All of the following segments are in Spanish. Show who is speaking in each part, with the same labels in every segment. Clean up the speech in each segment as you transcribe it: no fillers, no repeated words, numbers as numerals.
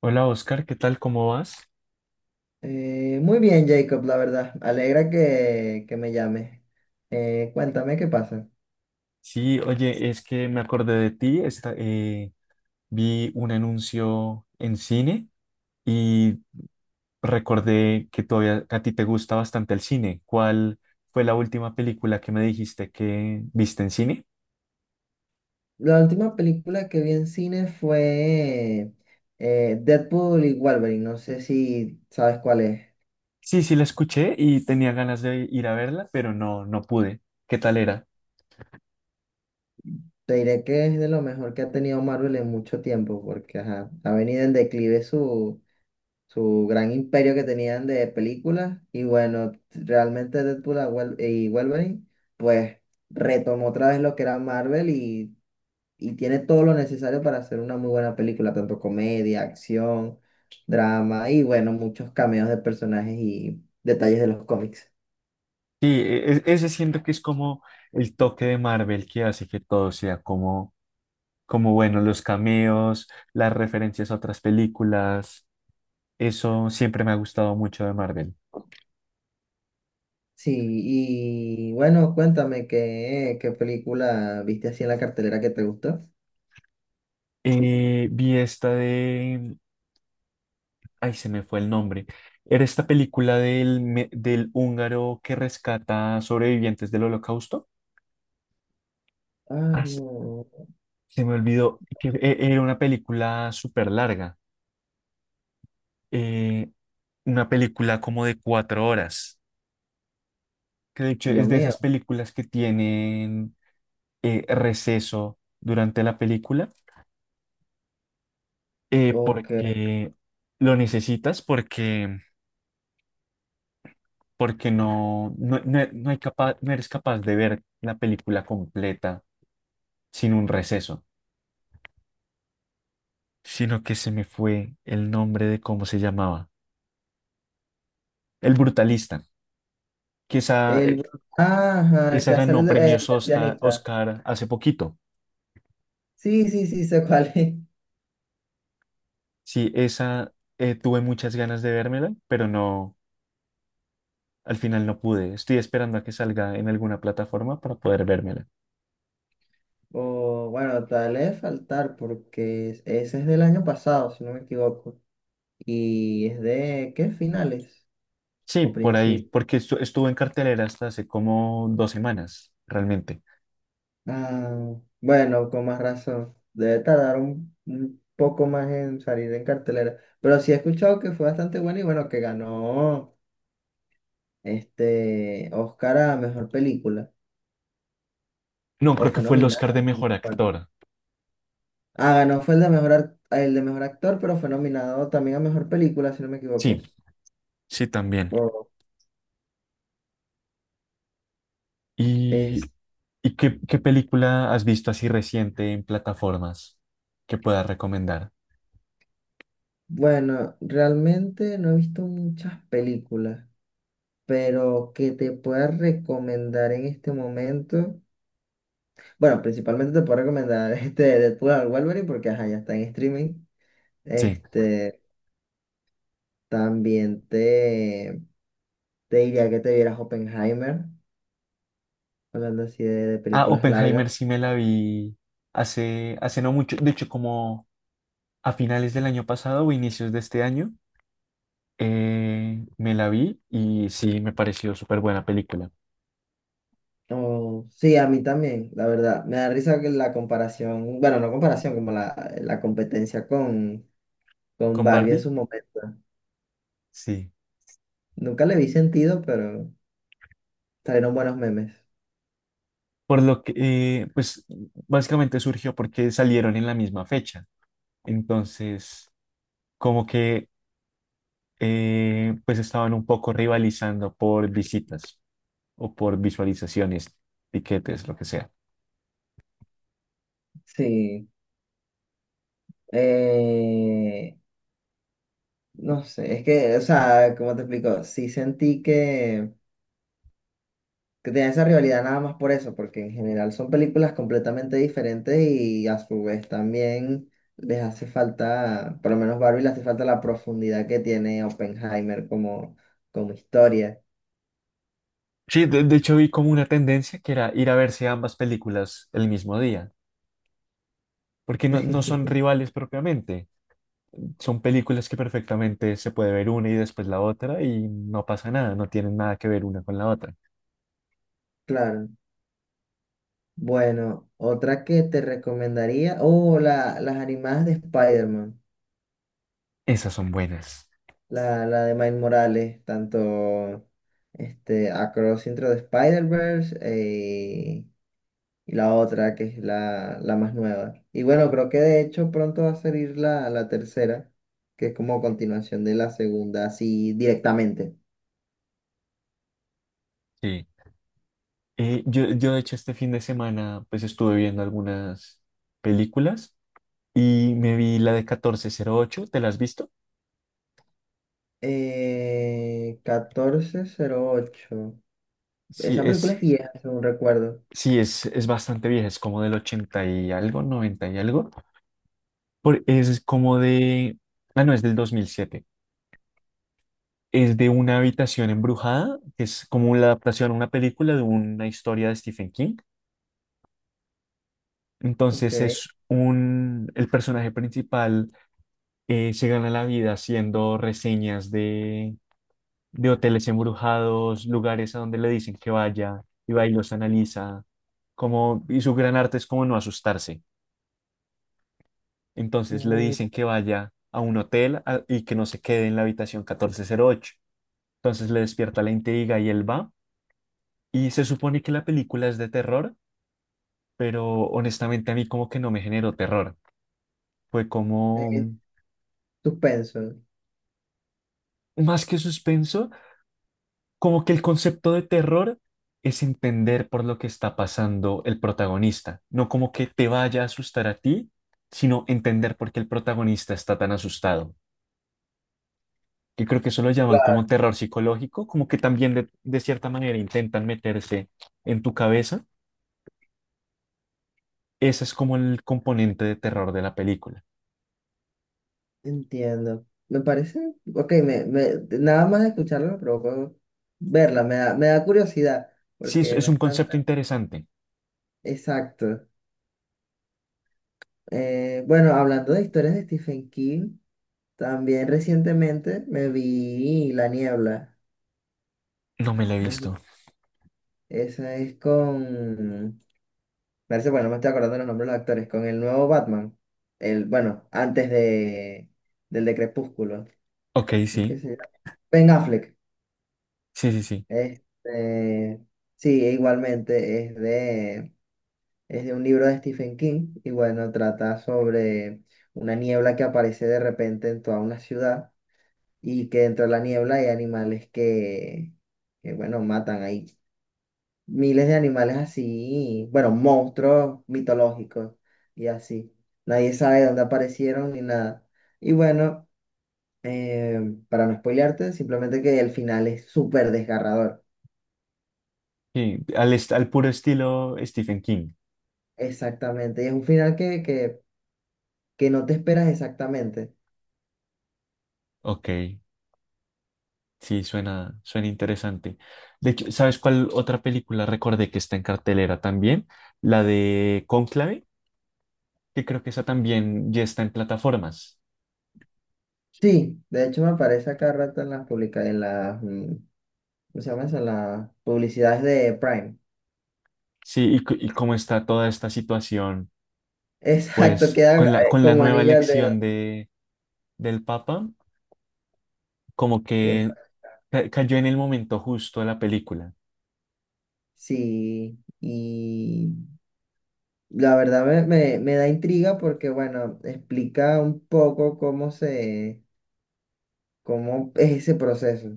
Speaker 1: Hola Oscar, ¿qué tal? ¿Cómo vas?
Speaker 2: Muy bien, Jacob, la verdad. Alegra que me llame. Cuéntame qué pasa.
Speaker 1: Sí, oye, es que me acordé de ti, vi un anuncio en cine y recordé que todavía a ti te gusta bastante el cine. ¿Cuál fue la última película que me dijiste que viste en cine?
Speaker 2: La última película que vi en cine fue Deadpool y Wolverine. No sé si sabes cuál es.
Speaker 1: Sí, sí, la escuché y tenía ganas de ir a verla, pero no pude. ¿Qué tal era?
Speaker 2: Te diré que es de lo mejor que ha tenido Marvel en mucho tiempo, porque ajá, ha venido en declive su gran imperio que tenían de películas. Y bueno, realmente Deadpool y Wolverine, pues retomó otra vez lo que era Marvel y tiene todo lo necesario para hacer una muy buena película, tanto comedia, acción, drama y bueno, muchos cameos de personajes y detalles de los cómics.
Speaker 1: Sí, ese siento que es como el toque de Marvel que hace que todo sea como bueno, los cameos, las referencias a otras películas, eso siempre me ha gustado mucho de Marvel.
Speaker 2: Sí, y bueno, cuéntame qué película viste así en la cartelera que te gustó.
Speaker 1: Vi esta de, ay, se me fue el nombre. Era esta película del, del húngaro que rescata sobrevivientes del Holocausto.
Speaker 2: Ah,
Speaker 1: Ah,
Speaker 2: no.
Speaker 1: se me olvidó que era una película súper larga, eh, una película como de 4 horas, que de hecho
Speaker 2: Dios
Speaker 1: es de esas
Speaker 2: mío.
Speaker 1: películas que tienen receso durante la película.
Speaker 2: Ok.
Speaker 1: Porque lo necesitas, porque, porque no hay capaz, no eres capaz de ver la película completa sin un receso, sino que se me fue el nombre de cómo se llamaba. El Brutalista, que esa,
Speaker 2: El, ajá, el
Speaker 1: esa
Speaker 2: que hace el,
Speaker 1: ganó
Speaker 2: el- el
Speaker 1: premios
Speaker 2: pianista.
Speaker 1: Oscar hace poquito.
Speaker 2: Sí, sí, sí, sé cuál es.
Speaker 1: Sí, esa tuve muchas ganas de vérmela, pero no, al final no pude. Estoy esperando a que salga en alguna plataforma para poder vérmela.
Speaker 2: O bueno, tal vez faltar porque ese es del año pasado, si no me equivoco. Y es de, ¿qué? Finales
Speaker 1: Sí,
Speaker 2: o
Speaker 1: por ahí,
Speaker 2: principios.
Speaker 1: porque estuvo en cartelera hasta hace como 2 semanas, realmente.
Speaker 2: Ah, bueno, con más razón. Debe tardar un poco más en salir en cartelera. Pero sí he escuchado que fue bastante bueno y bueno, que ganó este Oscar a mejor película.
Speaker 1: No,
Speaker 2: O
Speaker 1: creo que
Speaker 2: fue
Speaker 1: fue el Oscar de
Speaker 2: nominada. No me
Speaker 1: Mejor
Speaker 2: acuerdo.
Speaker 1: Actor.
Speaker 2: Ah, ganó fue el de mejor actor, pero fue nominado también a mejor película, si no me
Speaker 1: Sí,
Speaker 2: equivoco.
Speaker 1: sí, también.
Speaker 2: O-
Speaker 1: ¿Y,
Speaker 2: es,
Speaker 1: y qué, qué película has visto así reciente en plataformas que puedas recomendar?
Speaker 2: bueno, realmente no he visto muchas películas. Pero que te pueda recomendar en este momento. Bueno, principalmente te puedo recomendar este Deadpool al Wolverine porque ajá, ya está en streaming.
Speaker 1: Sí.
Speaker 2: Este, También te diría que te vieras Oppenheimer, hablando así de
Speaker 1: Ah,
Speaker 2: películas largas.
Speaker 1: Oppenheimer sí me la vi hace no mucho, de hecho como a finales del año pasado o inicios de este año, me la vi y sí, me pareció súper buena película.
Speaker 2: Oh, sí, a mí también, la verdad. Me da risa que la comparación, bueno, no comparación, como la competencia con
Speaker 1: ¿Con
Speaker 2: Barbie en
Speaker 1: Barbie?
Speaker 2: su momento.
Speaker 1: Sí.
Speaker 2: Nunca le vi sentido, pero salieron buenos memes.
Speaker 1: Por lo que, pues básicamente surgió porque salieron en la misma fecha. Entonces, como que, pues estaban un poco rivalizando por visitas o por visualizaciones, tiquetes, lo que sea.
Speaker 2: Sí. Eh, No sé, es que, o sea, ¿cómo te explico? Sí sentí que tenía esa rivalidad nada más por eso, porque en general son películas completamente diferentes y a su vez también les hace falta, por lo menos Barbie le hace falta la profundidad que tiene Oppenheimer como, como historia.
Speaker 1: Sí, de hecho vi como una tendencia que era ir a verse ambas películas el mismo día, porque no, no son rivales propiamente, son películas que perfectamente se puede ver una y después la otra y no pasa nada, no tienen nada que ver una con la otra.
Speaker 2: Claro. Bueno, otra que te recomendaría, oh, las animadas de Spider-Man,
Speaker 1: Esas son buenas.
Speaker 2: la de Miles Morales, tanto Across Intro de Spider-Verse, y la otra que es la más nueva. Y bueno, creo que de hecho pronto va a salir la tercera, que es como continuación de la segunda, así directamente.
Speaker 1: Sí. Yo de hecho este fin de semana pues estuve viendo algunas películas y me vi la de 1408. ¿Te la has visto?
Speaker 2: 1408.
Speaker 1: Sí,
Speaker 2: Esa película es vieja, según recuerdo.
Speaker 1: sí, es bastante vieja, es como del 80 y algo, 90 y algo. Por, es como de, ah, no, es del 2007. Es de una habitación embrujada, que es como la adaptación a una película de una historia de Stephen King.
Speaker 2: Ok.
Speaker 1: Entonces es un, el personaje principal se gana la vida haciendo reseñas de hoteles embrujados, lugares a donde le dicen que vaya, y va y los analiza, como, y su gran arte es como no asustarse. Entonces le
Speaker 2: Uh,
Speaker 1: dicen que vaya a un hotel y que no se quede en la habitación 1408. Entonces le despierta la intriga y él va. Y se supone que la película es de terror, pero honestamente a mí como que no me generó terror. Fue como
Speaker 2: Eh,
Speaker 1: mm,
Speaker 2: Suspenso.
Speaker 1: más que suspenso. Como que el concepto de terror es entender por lo que está pasando el protagonista, no como que te vaya a asustar a ti, sino entender por qué el protagonista está tan asustado. Que creo que eso lo llaman como
Speaker 2: Claro.
Speaker 1: terror psicológico, como que también de cierta manera intentan meterse en tu cabeza. Ese es como el componente de terror de la película.
Speaker 2: Entiendo. Me parece, ok, nada más de escucharlo me provocó verla, me da curiosidad,
Speaker 1: Sí,
Speaker 2: porque no
Speaker 1: es un
Speaker 2: es tan.
Speaker 1: concepto interesante.
Speaker 2: Exacto. Bueno, hablando de historias de Stephen King, también recientemente me vi La Niebla.
Speaker 1: No me lo he
Speaker 2: No sé,
Speaker 1: visto.
Speaker 2: esa es con. Parece, bueno, no me estoy acordando los nombres de los actores. Con el nuevo Batman. Bueno, antes del de Crepúsculo.
Speaker 1: Ok,
Speaker 2: ¿Cómo es que se llama? Ben Affleck.
Speaker 1: sí.
Speaker 2: Este, sí, igualmente es de un libro de Stephen King. Y bueno, trata sobre una niebla que aparece de repente en toda una ciudad y que dentro de la niebla hay animales que bueno, matan ahí. Miles de animales así, bueno, monstruos mitológicos y así. Nadie sabe dónde aparecieron ni nada. Y bueno, eh, para no spoilearte, simplemente que el final es súper desgarrador.
Speaker 1: Sí, al puro estilo Stephen King.
Speaker 2: Exactamente. Y es un final que no te esperas exactamente.
Speaker 1: Ok. Sí, suena interesante. De hecho, ¿sabes cuál otra película recordé que está en cartelera también? La de Cónclave, que creo que esa también ya está en plataformas.
Speaker 2: Sí, de hecho me aparece acá rato en las, ¿cómo se llama eso? En las publicidades de Prime.
Speaker 1: Sí, y, y cómo está toda esta situación,
Speaker 2: Exacto,
Speaker 1: pues
Speaker 2: queda
Speaker 1: con la
Speaker 2: como
Speaker 1: nueva
Speaker 2: anillo al dedo.
Speaker 1: elección de, del Papa, como
Speaker 2: Que-
Speaker 1: que cayó en el momento justo la película.
Speaker 2: sí, y la verdad me da intriga porque, bueno, explica un poco cómo es ese proceso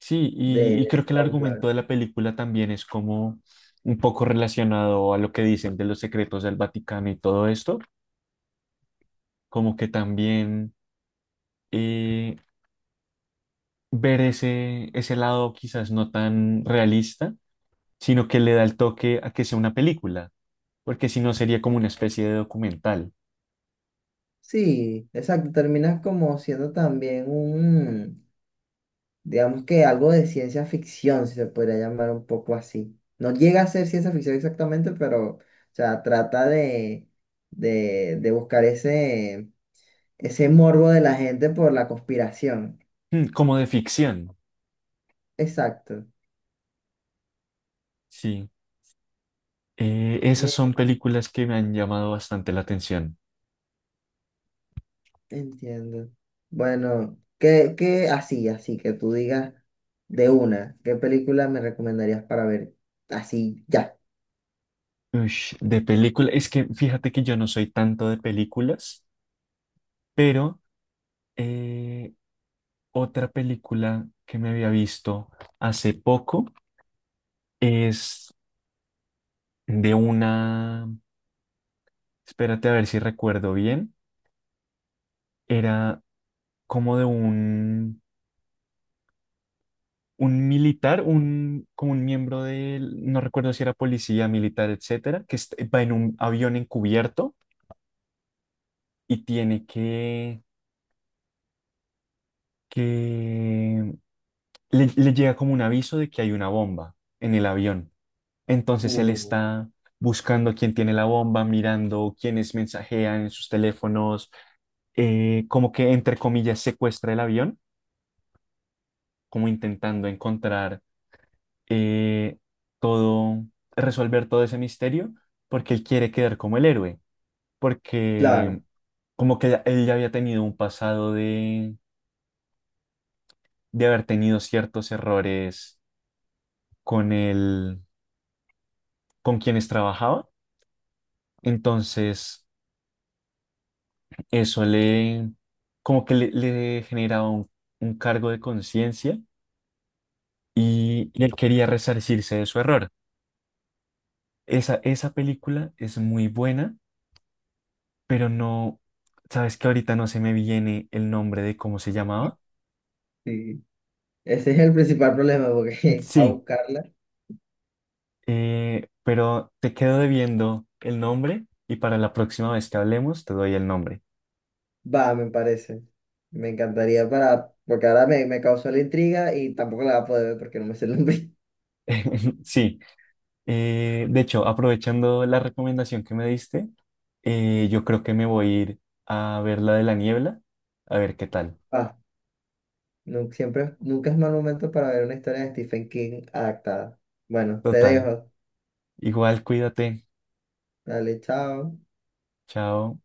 Speaker 1: Sí,
Speaker 2: del
Speaker 1: y creo que el
Speaker 2: cónclave.
Speaker 1: argumento de la película también es como un poco relacionado a lo que dicen de los secretos del Vaticano y todo esto, como que también eh, ver ese, ese lado quizás no tan realista, sino que le da el toque a que sea una película, porque si no sería como una especie de documental,
Speaker 2: Sí, exacto, terminas como siendo también digamos que algo de ciencia ficción, si se podría llamar un poco así. No llega a ser ciencia ficción exactamente, pero, o sea, trata de, buscar ese morbo de la gente por la conspiración.
Speaker 1: mm, como de ficción.
Speaker 2: Exacto.
Speaker 1: Sí, esas
Speaker 2: Me
Speaker 1: son películas que me han llamado bastante la atención.
Speaker 2: Entiendo. Bueno, ¿qué así que tú digas de qué película me recomendarías para ver así ya?
Speaker 1: Ush, de película, es que fíjate que yo no soy tanto de películas, pero eh, otra película que me había visto hace poco es de una, espérate a ver si recuerdo bien. Era como de un militar, un, como un miembro del, no recuerdo si era policía, militar, etcétera, que va en un avión encubierto y tiene que le llega como un aviso de que hay una bomba en el avión. Entonces él
Speaker 2: Uh,
Speaker 1: está buscando quién tiene la bomba, mirando quiénes mensajean en sus teléfonos, como que entre comillas secuestra el avión, como intentando encontrar eh, todo, resolver todo ese misterio, porque él quiere quedar como el héroe,
Speaker 2: claro,
Speaker 1: porque como que él ya había tenido un pasado de haber tenido ciertos errores con el, con quienes trabajaba, entonces eso le, como que le generaba un cargo de conciencia y él quería resarcirse de su error. Esa película es muy buena pero no, sabes que ahorita no se me viene el nombre de cómo se llamaba.
Speaker 2: sí. Ese es el principal problema porque para
Speaker 1: Sí,
Speaker 2: buscarla,
Speaker 1: pero te quedo debiendo el nombre y para la próxima vez que hablemos te doy el nombre.
Speaker 2: va, me parece. Me encantaría porque ahora me causó la intriga y tampoco la voy a poder ver porque no me sé el nombre.
Speaker 1: Sí, de hecho, aprovechando la recomendación que me diste, yo creo que me voy a ir a ver la de la niebla, a ver qué tal.
Speaker 2: Ah, siempre, nunca es mal momento para ver una historia de Stephen King adaptada. Bueno, te
Speaker 1: Total,
Speaker 2: dejo.
Speaker 1: igual cuídate,
Speaker 2: Dale, chao.
Speaker 1: chao.